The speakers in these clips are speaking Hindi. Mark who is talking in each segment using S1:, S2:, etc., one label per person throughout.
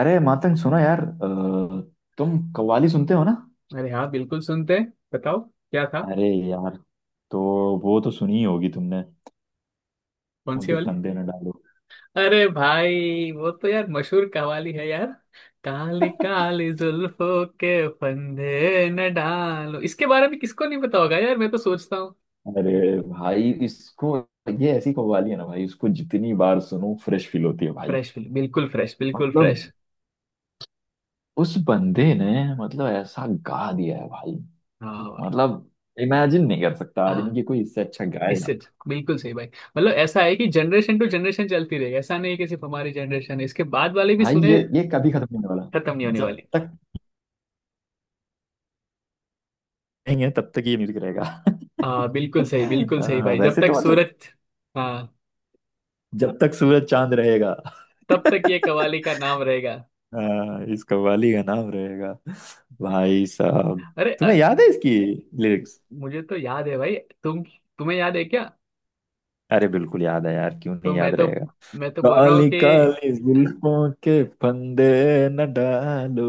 S1: अरे मातंग सुनो यार तुम कव्वाली सुनते हो ना।
S2: अरे हाँ, बिल्कुल सुनते हैं। बताओ क्या था।
S1: अरे यार, तो वो तो सुनी ही होगी तुमने।
S2: कौन सी
S1: उनके
S2: वाली।
S1: फंदे न डालो।
S2: अरे भाई, वो तो यार मशहूर कवाली है यार। काली काली जुल्फों के फंदे न डालो, इसके बारे में किसको नहीं पता होगा यार, मैं तो सोचता हूँ।
S1: अरे भाई इसको, ये ऐसी कव्वाली है ना भाई, इसको जितनी बार सुनो फ्रेश फील होती है भाई।
S2: फ्रेश, बिल्कुल फ्रेश, बिल्कुल
S1: मतलब
S2: फ्रेश।
S1: उस बंदे ने मतलब ऐसा गा दिया है भाई।
S2: हाँ भाई।
S1: मतलब इमेजिन नहीं कर सकता आदमी कि
S2: हाँ,
S1: कोई इससे अच्छा गाएगा।
S2: इससे बिल्कुल सही भाई। मतलब ऐसा है कि जनरेशन टू जनरेशन चलती रहेगी, ऐसा नहीं है कि सिर्फ हमारी जनरेशन है, इसके बाद वाले भी
S1: भाई
S2: सुने।
S1: ये कभी खत्म नहीं होने वाला।
S2: खत्म नहीं होने
S1: जब
S2: वाली।
S1: तक नहीं है तब तक ये म्यूजिक रहेगा।
S2: हाँ बिल्कुल सही, बिल्कुल सही भाई। जब
S1: वैसे
S2: तक
S1: तो मतलब
S2: सूरज। हाँ,
S1: जब तक सूरज चांद रहेगा,
S2: तब तक ये कवाली का नाम रहेगा।
S1: हाँ इस कव्वाली का नाम रहेगा। भाई साहब,
S2: अरे
S1: तुम्हें याद है इसकी लिरिक्स?
S2: मुझे तो याद है भाई। तुम तुम्हें याद है क्या।
S1: अरे बिल्कुल याद है यार, क्यों
S2: तो
S1: नहीं
S2: मैं
S1: याद
S2: तो
S1: रहेगा।
S2: मैं तो बोल रहा हूँ
S1: काली
S2: कि
S1: काली जुल्फों के फंदे न डालो,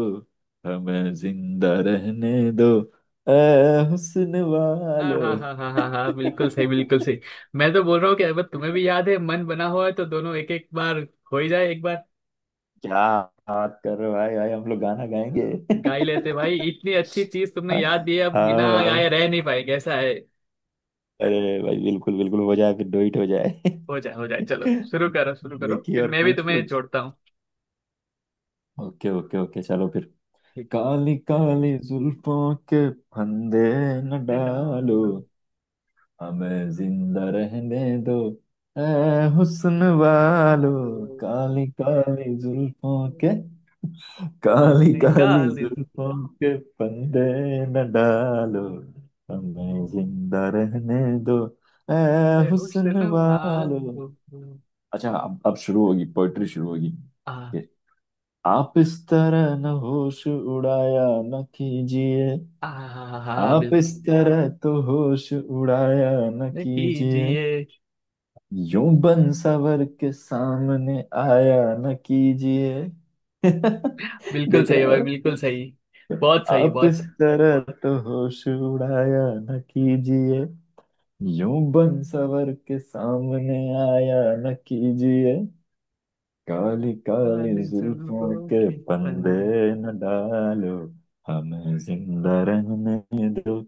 S1: हमें जिंदा रहने दो, ए हुस्न
S2: हाँ
S1: वालो।
S2: हाँ हाँ हाँ हाँ हाँ, बिल्कुल सही, बिल्कुल सही। मैं तो बोल रहा हूँ कि अगर तुम्हें भी याद है, मन बना हुआ है, तो दोनों एक एक बार हो ही जाए एक बार।
S1: क्या बात कर रहे हो भाई, भाई हम लोग गाना गाएंगे?
S2: गा ही लेते भाई, इतनी अच्छी चीज तुमने
S1: हाँ,
S2: याद दी है, अब बिना गाए
S1: हाँ,
S2: रह नहीं पाएंगे, ऐसा है।
S1: अरे भाई बिल्कुल बिल्कुल हो जाए, फिर डोइट हो जाए।
S2: हो जाए हो जाए, चलो शुरू करो शुरू करो,
S1: देखिए
S2: फिर
S1: और
S2: मैं भी
S1: पूछ
S2: तुम्हें
S1: पूछ,
S2: जोड़ता हूँ।
S1: ओके ओके ओके चलो फिर।
S2: ठीक
S1: काली काली जुल्फों के फंदे न
S2: है।
S1: डालो,
S2: डालो।
S1: हमें जिंदा रहने दो, ए हुस्न वालो।
S2: डालो।
S1: काली काली जुल्फों के, काली
S2: निकाल।
S1: काली जुल्फों के फंदे न डालो, हमें जिंदा रहने दो, ए हुस्न
S2: हुस्न
S1: वालो।
S2: वांगू।
S1: अच्छा अब शुरू होगी, पोइट्री शुरू होगी।
S2: आ।
S1: ये, आप इस तरह न होश उड़ाया न कीजिए।
S2: आ। हाँ
S1: आप
S2: बिल्कुल।
S1: इस तरह तो होश उड़ाया न
S2: नहीं
S1: कीजिए,
S2: कीजिए।
S1: यूं बनसवर के सामने आया न कीजिए।
S2: बिल्कुल
S1: देख
S2: सही
S1: रहे
S2: भाई,
S1: हो?
S2: बिल्कुल सही। बहुत सही,
S1: आप
S2: बहुत
S1: इस
S2: सही।
S1: तरह तो होश उड़ाया न कीजिए, यूं बनसवर के सामने आया न कीजिए। काली काली
S2: काले
S1: जुल्फों
S2: जुल्फों
S1: के
S2: के
S1: फंदे
S2: फंदे।
S1: न डालो, हमें जिंदा रहने दो,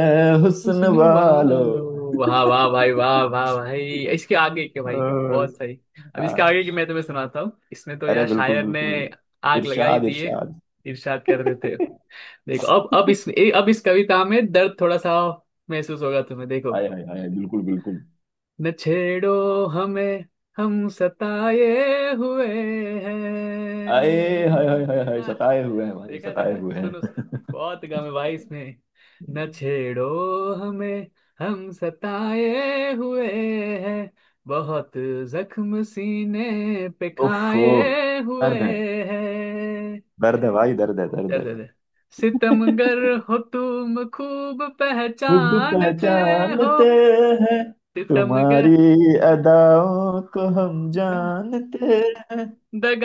S1: ए हुस्न
S2: हुस्न
S1: वालो।
S2: वालो। वाह वाह भाई, वाह वाह भाई। इसके आगे के भाई।
S1: ओ,
S2: बहुत सही। अब इसके
S1: आ,
S2: आगे की मैं तुम्हें सुनाता हूँ, इसमें तो
S1: अरे
S2: यार
S1: बिल्कुल
S2: शायर ने
S1: बिल्कुल।
S2: आग लगाई
S1: इरशाद
S2: दिए।
S1: इरशाद।
S2: इरशाद कर देते। देखो अब, अब इस कविता में दर्द थोड़ा सा महसूस होगा तुम्हें, देखो।
S1: हाय हाय हाय बिल्कुल बिल्कुल।
S2: न छेड़ो हमें, हम सताए हुए
S1: आए हाय हाय
S2: हैं।
S1: हाय हाय,
S2: आह,
S1: सताए हुए हैं भाई,
S2: देखा
S1: सताए
S2: देखा,
S1: हुए
S2: सुनो,
S1: हैं।
S2: बहुत गम है भाई इसमें। न छेड़ो हमें, हम सताए हुए हैं, बहुत जख्म सीने पे
S1: उफ उफ,
S2: खाए हुए
S1: दर्द है,
S2: हैं।
S1: दर्द है भाई, दर्द है, दर्द
S2: दर्द
S1: है।
S2: दर्द। सितमगर हो तुम, खूब
S1: खूब
S2: पहचानते हो।
S1: पहचानते हैं,
S2: सितमगर।
S1: तुम्हारी अदाओं को हम जानते हैं।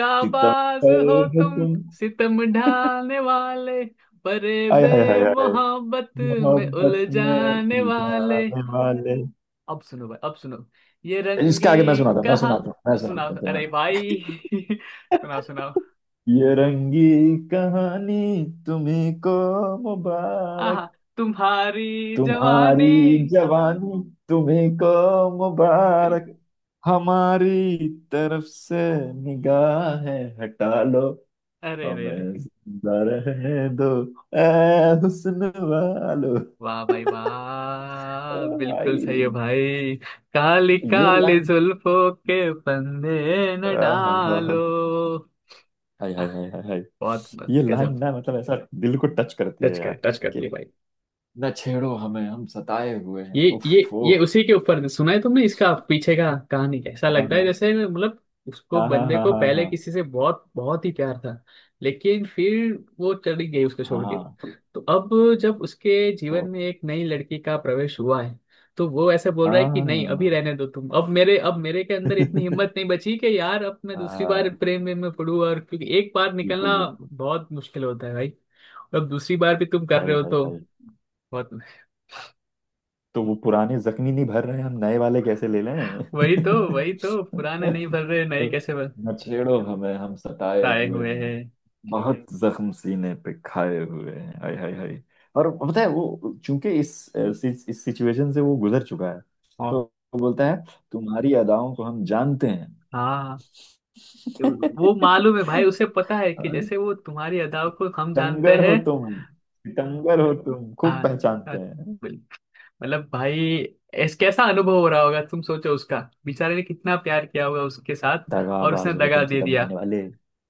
S1: सितम
S2: हो
S1: पर हो
S2: तुम,
S1: तुम।
S2: सितम ढाने वाले, बरे
S1: आय
S2: बे
S1: हाय हाय हाय,
S2: मोहब्बत में
S1: मोहब्बत में
S2: उलझाने वाले।
S1: उलझाने वाले।
S2: अब सुनो भाई, अब सुनो। ये
S1: इसका
S2: रंगी
S1: आगे मैं सुनाता हूँ, मैं
S2: कहाँ।
S1: सुनाता हूँ, मैं सुनाता
S2: सुनाओ
S1: हूँ तुम्हें।
S2: अरे भाई सुनाओ सुनाओ।
S1: ये रंगी कहानी तुम्हें को
S2: आहा।
S1: मुबारक,
S2: तुम्हारी
S1: तुम्हारी
S2: जवानी।
S1: जवानी तुम्हें को मुबारक,
S2: बिल्कुल।
S1: हमारी तरफ से निगाहें हटा लो,
S2: अरे रे रे।
S1: हमें जिंदा रहने दो, ए हुस्न वालो।
S2: वाह भाई
S1: ओ
S2: वाह, बिल्कुल
S1: भाई,
S2: सही है भाई। काली
S1: ये
S2: काली
S1: लाइन।
S2: जुल्फों के फंदे न
S1: आह, हा, हा, हा।
S2: डालो।
S1: हाय हाय हाय हाय हाय।
S2: बहुत मस्त,
S1: ये लाइन
S2: गजब।
S1: ना मतलब ऐसा दिल को टच करती है यार।
S2: टच करती है भाई।
S1: न छेड़ो हमें हम सताए हुए हैं, उफ
S2: ये
S1: ओह।
S2: उसी के ऊपर सुना है तुमने, इसका पीछे का कहानी ऐसा
S1: हाँ
S2: लगता है
S1: हाँ
S2: जैसे मतलब उसको
S1: हाँ हाँ।
S2: बंदे
S1: हाँ
S2: को पहले
S1: हाँ
S2: किसी से बहुत बहुत ही प्यार था, लेकिन फिर वो चली गई उसको छोड़ के।
S1: हाँ।
S2: तो अब जब उसके जीवन
S1: तो
S2: में एक नई लड़की का प्रवेश हुआ है, तो वो ऐसे बोल रहा है कि नहीं अभी
S1: हाँ।
S2: रहने दो तुम, अब मेरे के अंदर इतनी हिम्मत नहीं बची कि यार अब मैं दूसरी बार
S1: हाँ,
S2: प्रेम में पड़ूं, और क्योंकि एक बार
S1: बिल्कुल
S2: निकलना
S1: बिल्कुल।
S2: बहुत मुश्किल होता है भाई। अब दूसरी बार भी तुम कर
S1: हाय
S2: रहे हो
S1: हाय
S2: तो
S1: हाय।
S2: बहुत।
S1: तो वो पुराने जख्मी नहीं भर रहे हैं, हम नए वाले कैसे ले लें।
S2: वही तो पुराने नहीं भर रहे, नए
S1: तो
S2: कैसे भर
S1: न छेड़ो हमें हम सताए
S2: आए
S1: हुए
S2: हुए हैं।
S1: हैं, बहुत जख्म सीने पे खाए हुए हैं, हाय हाय हाय। और पता है वो चूंकि इस सिचुएशन से वो गुजर चुका है, तो
S2: और
S1: वो बोलता है, तुम्हारी अदाओं को हम जानते हैं।
S2: हाँ, वो मालूम है भाई, उसे पता है कि
S1: और
S2: जैसे वो तुम्हारी अदाओं को हम जानते
S1: सितमगर हो
S2: हैं।
S1: तुम, सितमगर हो तुम खूब
S2: हाँ। हाँ,
S1: पहचानते हैं,
S2: बिल- मतलब भाई ऐस कैसा अनुभव हो रहा होगा, तुम सोचो उसका, बेचारे ने कितना प्यार किया होगा उसके साथ, और उसने
S1: दगाबाज हो
S2: दगा
S1: तुम,
S2: दे
S1: सितम
S2: दिया।
S1: ढाने वाले।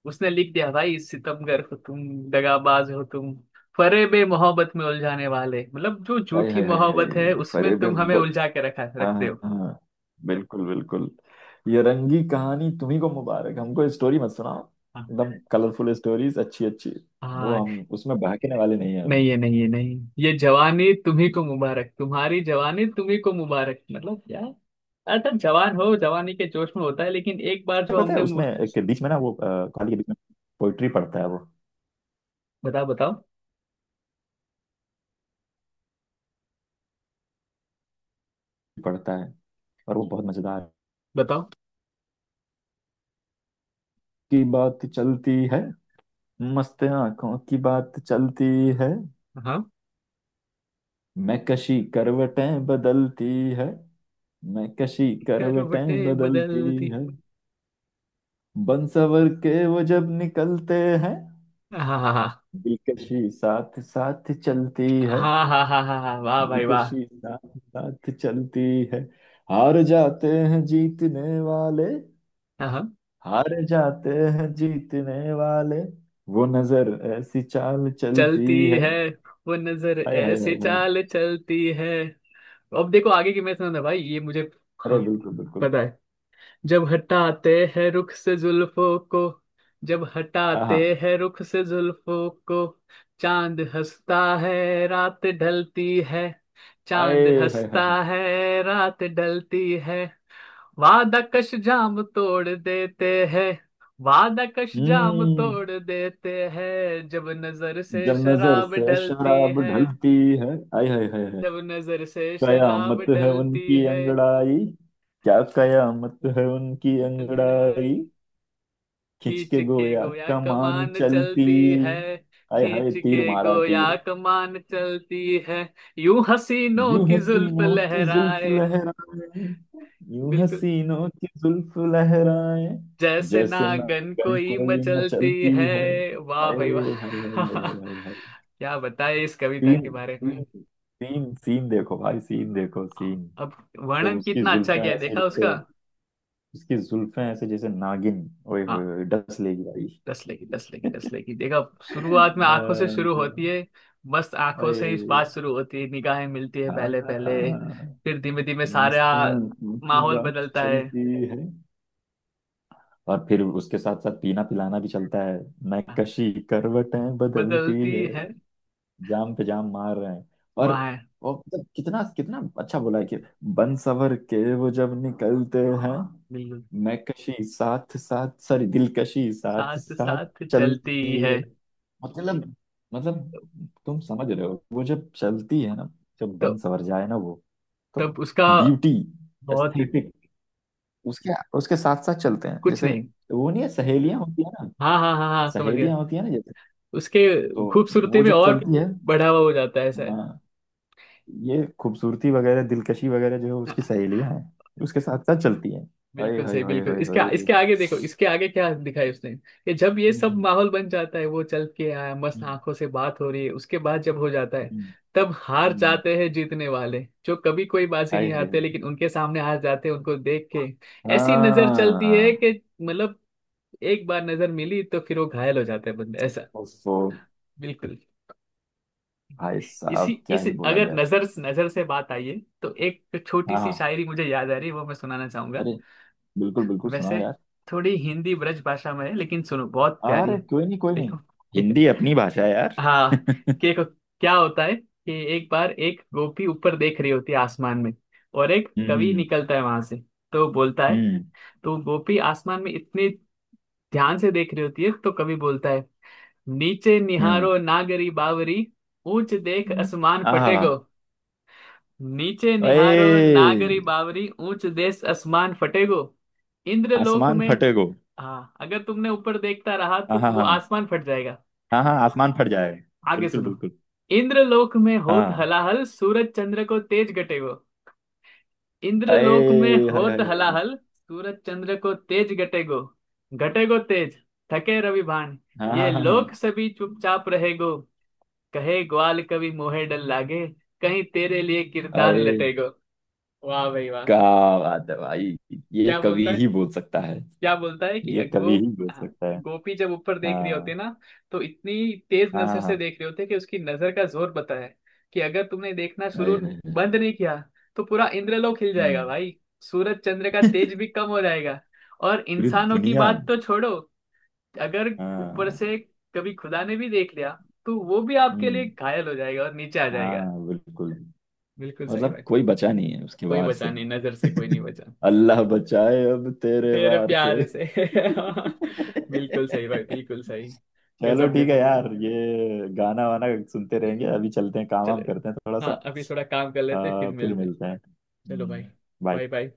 S2: उसने लिख दिया भाई सितमगर हो तुम, दगाबाज हो तुम, फरेब मोहब्बत में उलझाने वाले, मतलब जो
S1: हाय
S2: झूठी
S1: हाय हाय हाय,
S2: मोहब्बत है उसमें
S1: फरेब।
S2: तुम हमें उलझा के रखा
S1: हाँ
S2: रखते
S1: हाँ
S2: हो।
S1: हाँ, बिल्कुल बिल्कुल। ये रंगी कहानी तुम्ही को मुबारक, हमको स्टोरी मत सुनाओ।
S2: हाँ।
S1: एकदम कलरफुल स्टोरीज, अच्छी अच्छी। वो
S2: हाँ,
S1: हम उसमें बहकने वाले नहीं है हम।
S2: नहीं है नहीं है नहीं। ये जवानी तुम्ही को मुबारक, तुम्हारी जवानी तुम्ही को मुबारक, मतलब क्या। अच्छा जवान हो, जवानी के जोश में होता है, लेकिन एक बार जो
S1: पता है
S2: हमने
S1: उसमें एक बीच में ना वो कहानी के बीच में पोइट्री पढ़ता है वो,
S2: बताओ बताओ
S1: पढ़ता है, और वो बहुत मजेदार है।
S2: बताओ।
S1: की बात चलती है, मस्त आंखों की बात चलती है।
S2: हाँ।
S1: मैं कशी करवटें बदलती है, मैं कशी करवटें
S2: करवटें
S1: बदलती
S2: बदल दी।
S1: है। बनसवर के वो जब निकलते हैं,
S2: हाँ हाँ
S1: दिलकशी साथ साथ चलती है,
S2: हाँ हाँ हाँ हाँ हाँ हाँ, वाह भाई वाह।
S1: दिलकशी साथ साथ चलती है। हार जाते हैं जीतने वाले,
S2: हाँ हाँ,
S1: हार जाते हैं जीतने वाले, वो नजर ऐसी चाल चलती
S2: चलती
S1: है।
S2: है। वो नजर
S1: हाय हाय
S2: ऐसे
S1: हाय हाय।
S2: चाल चलती है। अब देखो आगे की मैं सुना भाई ये मुझे।
S1: अरे
S2: हाँ,
S1: बिल्कुल बिल्कुल।
S2: पता है। जब हटाते हैं रुख से जुल्फों को, जब
S1: आहा।
S2: हटाते हैं रुख से जुल्फों को, चांद हंसता है, रात ढलती है, चांद
S1: आए हाय हाय
S2: हंसता
S1: हाय।
S2: है, रात ढलती है। वादा कश जाम तोड़ देते हैं, वादा कश जाम
S1: हम्म।
S2: तोड़ देते हैं, जब नजर से
S1: जब नजर
S2: शराब
S1: से
S2: ढलती
S1: शराब
S2: है,
S1: ढलती है। आय हाय हाय हाय,
S2: जब नजर से शराब
S1: कयामत है
S2: ढलती
S1: उनकी
S2: है।
S1: अंगड़ाई, क्या कयामत है उनकी
S2: उसकी अंगड़ाई,
S1: अंगड़ाई, खिंच
S2: खींच
S1: के
S2: के
S1: गोया
S2: गोया
S1: कमान
S2: कमान
S1: चलती।
S2: चलती है,
S1: हाय हाय,
S2: खींच
S1: तीर
S2: के
S1: मारा
S2: गोया
S1: तीर।
S2: कमान चलती है। यूं हसीनों
S1: यूं
S2: की जुल्फ
S1: हसीनों की जुल्फ
S2: लहराए,
S1: लहराए, यूं
S2: बिल्कुल,
S1: हसीनों की जुल्फ लहराए,
S2: जैसे
S1: जैसे
S2: नागन
S1: नागन
S2: कोई
S1: कोई
S2: मचलती
S1: मचलती
S2: है।
S1: है।
S2: वाह
S1: हाय
S2: भाई वाह
S1: हाय हाय। हाय हाय हाय। हाय
S2: क्या बताए इस कविता
S1: सीन
S2: के बारे में।
S1: सीन, सीन सीन देखो भाई, सीन देखो सीन।
S2: अब
S1: तब
S2: वर्णन
S1: उसकी
S2: कितना अच्छा
S1: जुल्फें
S2: किया
S1: ऐसे
S2: देखा उसका।
S1: जैसे, उसकी जुल्फें ऐसे जैसे नागिन। ओए होए होए, डस लेगी भाई।
S2: दस लेगी दस लेगी दस लेगी, देखो शुरुआत में आंखों से शुरू
S1: अ,
S2: होती है, बस आंखों से ही
S1: अरे
S2: बात शुरू होती है, निगाहें मिलती है पहले पहले,
S1: हाँ।
S2: फिर धीमे धीमे सारा
S1: मुस्लिम की
S2: माहौल
S1: बात
S2: बदलता है।
S1: चलती है, और फिर उसके साथ साथ पीना पिलाना भी चलता है।
S2: हाँ,
S1: नक्काशी करवटें बदलती
S2: बदलती
S1: है,
S2: है।
S1: जाम पे जाम मार रहे हैं। और
S2: वहाँ।
S1: और मतलब कितना कितना अच्छा बोला है कि बन सवर के वो जब निकलते हैं,
S2: बिल्कुल,
S1: मैं कशी साथ साथ, सॉरी, दिलकशी साथ
S2: साथ
S1: साथ
S2: साथ चलती
S1: चलती
S2: है।
S1: है। मतलब, मतलब तुम समझ रहे हो, वो जब चलती है ना, जब
S2: तो
S1: बन सवर जाए ना वो, तो
S2: तब उसका
S1: ब्यूटी,
S2: बहुत ही,
S1: एस्थेटिक उसके, उसके साथ साथ चलते हैं,
S2: कुछ
S1: जैसे
S2: नहीं।
S1: वो नहीं है सहेलियां होती है ना,
S2: हाँ हाँ हाँ हाँ, समझ गया।
S1: सहेलियां होती है ना, जैसे
S2: उसके
S1: तो जो-
S2: खूबसूरती
S1: वो
S2: में
S1: जब
S2: और
S1: चलती है।
S2: बढ़ावा हो जाता है, ऐसा है।
S1: हाँ, ये खूबसूरती वगैरह दिलकशी वगैरह जो है उसकी
S2: हाँ,
S1: सहेलियां हैं, उसके साथ साथ चलती हैं। हाय
S2: बिल्कुल
S1: हाय
S2: सही,
S1: हाय
S2: बिल्कुल।
S1: हाय
S2: इसके
S1: हाय।
S2: इसके आगे देखो, इसके आगे क्या दिखाया उसने कि जब ये सब
S1: हम्म।
S2: माहौल बन जाता है, वो चल के आया, मस्त
S1: हम्म,
S2: आंखों से बात हो रही है, उसके बाद जब हो जाता है,
S1: हम्म,
S2: तब हार
S1: हम्म।
S2: जाते हैं जीतने वाले, जो कभी कोई बाजी
S1: हाय
S2: नहीं
S1: हाय
S2: हारते,
S1: हाय।
S2: लेकिन उनके सामने हार जाते हैं उनको देख के। ऐसी नजर चलती है
S1: हाँ।
S2: कि मतलब एक बार नजर मिली तो फिर वो घायल हो जाता है बंदा ऐसा।
S1: ओफो,
S2: बिल्कुल।
S1: भाई
S2: इसी
S1: साहब क्या
S2: इस
S1: ही बोला
S2: अगर
S1: जाए।
S2: नजर नजर से बात आई है तो एक छोटी
S1: हाँ
S2: सी
S1: हाँ,
S2: शायरी मुझे याद आ रही है, वो मैं सुनाना चाहूंगा।
S1: अरे बिल्कुल बिल्कुल सुनाओ
S2: वैसे
S1: यार।
S2: थोड़ी हिंदी ब्रज भाषा में है, लेकिन सुनो बहुत प्यारी
S1: अरे
S2: है।
S1: कोई नहीं कोई
S2: देखो,
S1: नहीं,
S2: ठीक है।
S1: हिंदी अपनी भाषा है यार।
S2: हाँ, कि देखो, क्या होता है कि एक बार एक गोपी ऊपर देख रही होती है आसमान में, और एक कवि
S1: हम्म।
S2: निकलता है वहां से, तो बोलता है,
S1: हम्म।
S2: तो गोपी आसमान में इतनी ध्यान से देख रही होती है, तो कवि बोलता है, नीचे
S1: हम्म।
S2: निहारो नागरी बावरी, ऊंच देख
S1: हम्म।
S2: आसमान
S1: आहा।
S2: फटेगो। नीचे निहारो
S1: ए
S2: नागरी बावरी, ऊंच देश आसमान फटेगो, इंद्रलोक
S1: आसमान
S2: में।
S1: फटेगो।
S2: हाँ, अगर तुमने ऊपर देखता रहा
S1: हाँ
S2: तो
S1: हाँ
S2: वो
S1: हाँ
S2: आसमान फट जाएगा।
S1: हाँ हाँ, आसमान फट जाएगा,
S2: आगे
S1: बिल्कुल
S2: सुनो,
S1: बिल्कुल।
S2: इंद्रलोक में होत
S1: हाँ।
S2: हलाहल, सूरज चंद्र को तेज गटेगो, इंद्रलोक में
S1: ए हाय हाय
S2: होत
S1: हाय
S2: हलाहल,
S1: हाय।
S2: सूरज चंद्र को तेज गटेगो, गटेगो तेज, थके रवि भान,
S1: हाँ
S2: ये
S1: हाँ
S2: लोक
S1: हाँ
S2: सभी चुपचाप रहेगो, कहे ग्वाल कभी मोहे डर लागे, कहीं तेरे लिए
S1: हाँ।
S2: किरदार
S1: ए,
S2: लटेगो। वाह भाई वाह।
S1: क्या बात है भाई, ये
S2: क्या
S1: कवि
S2: बोलता
S1: ही बोल सकता है,
S2: क्या बोलता है कि
S1: ये
S2: वो
S1: कवि ही बोल
S2: हाँ,
S1: सकता है।
S2: गोपी जब ऊपर देख रही होती
S1: हाँ
S2: है ना, तो इतनी तेज
S1: हाँ
S2: नजर
S1: हाँ
S2: से
S1: हाँ।
S2: देख रही होती है कि उसकी नजर का जोर पता है, कि अगर तुमने देखना
S1: आए
S2: शुरू
S1: हाय हाय।
S2: बंद नहीं किया तो पूरा इंद्रलोक हिल जाएगा
S1: हम्म।
S2: भाई, सूरज चंद्र का तेज भी कम हो जाएगा, और
S1: पूरी
S2: इंसानों की
S1: दुनिया।
S2: बात तो छोड़ो, अगर ऊपर
S1: हाँ।
S2: से कभी खुदा ने भी देख लिया तो वो भी आपके लिए
S1: हम्म।
S2: घायल हो जाएगा और नीचे आ जाएगा।
S1: हाँ बिल्कुल।
S2: बिल्कुल सही
S1: मतलब
S2: बात।
S1: कोई बचा नहीं है उसके
S2: कोई
S1: वार से।
S2: बचा नहीं, नजर से कोई नहीं बचा।
S1: अल्लाह बचाए अब तेरे
S2: तेरे
S1: वार से।
S2: प्यार से बिल्कुल सही भाई, बिल्कुल सही।
S1: चलो
S2: गजब
S1: ठीक है
S2: गजब।
S1: यार, ये गाना वाना सुनते रहेंगे, अभी चलते हैं, काम
S2: चलो।
S1: वाम करते हैं थोड़ा सा।
S2: हाँ, अभी थोड़ा काम कर लेते हैं, फिर
S1: फिर
S2: मिलते हैं।
S1: मिलते हैं।
S2: चलो भाई।
S1: बाय।
S2: Bye bye.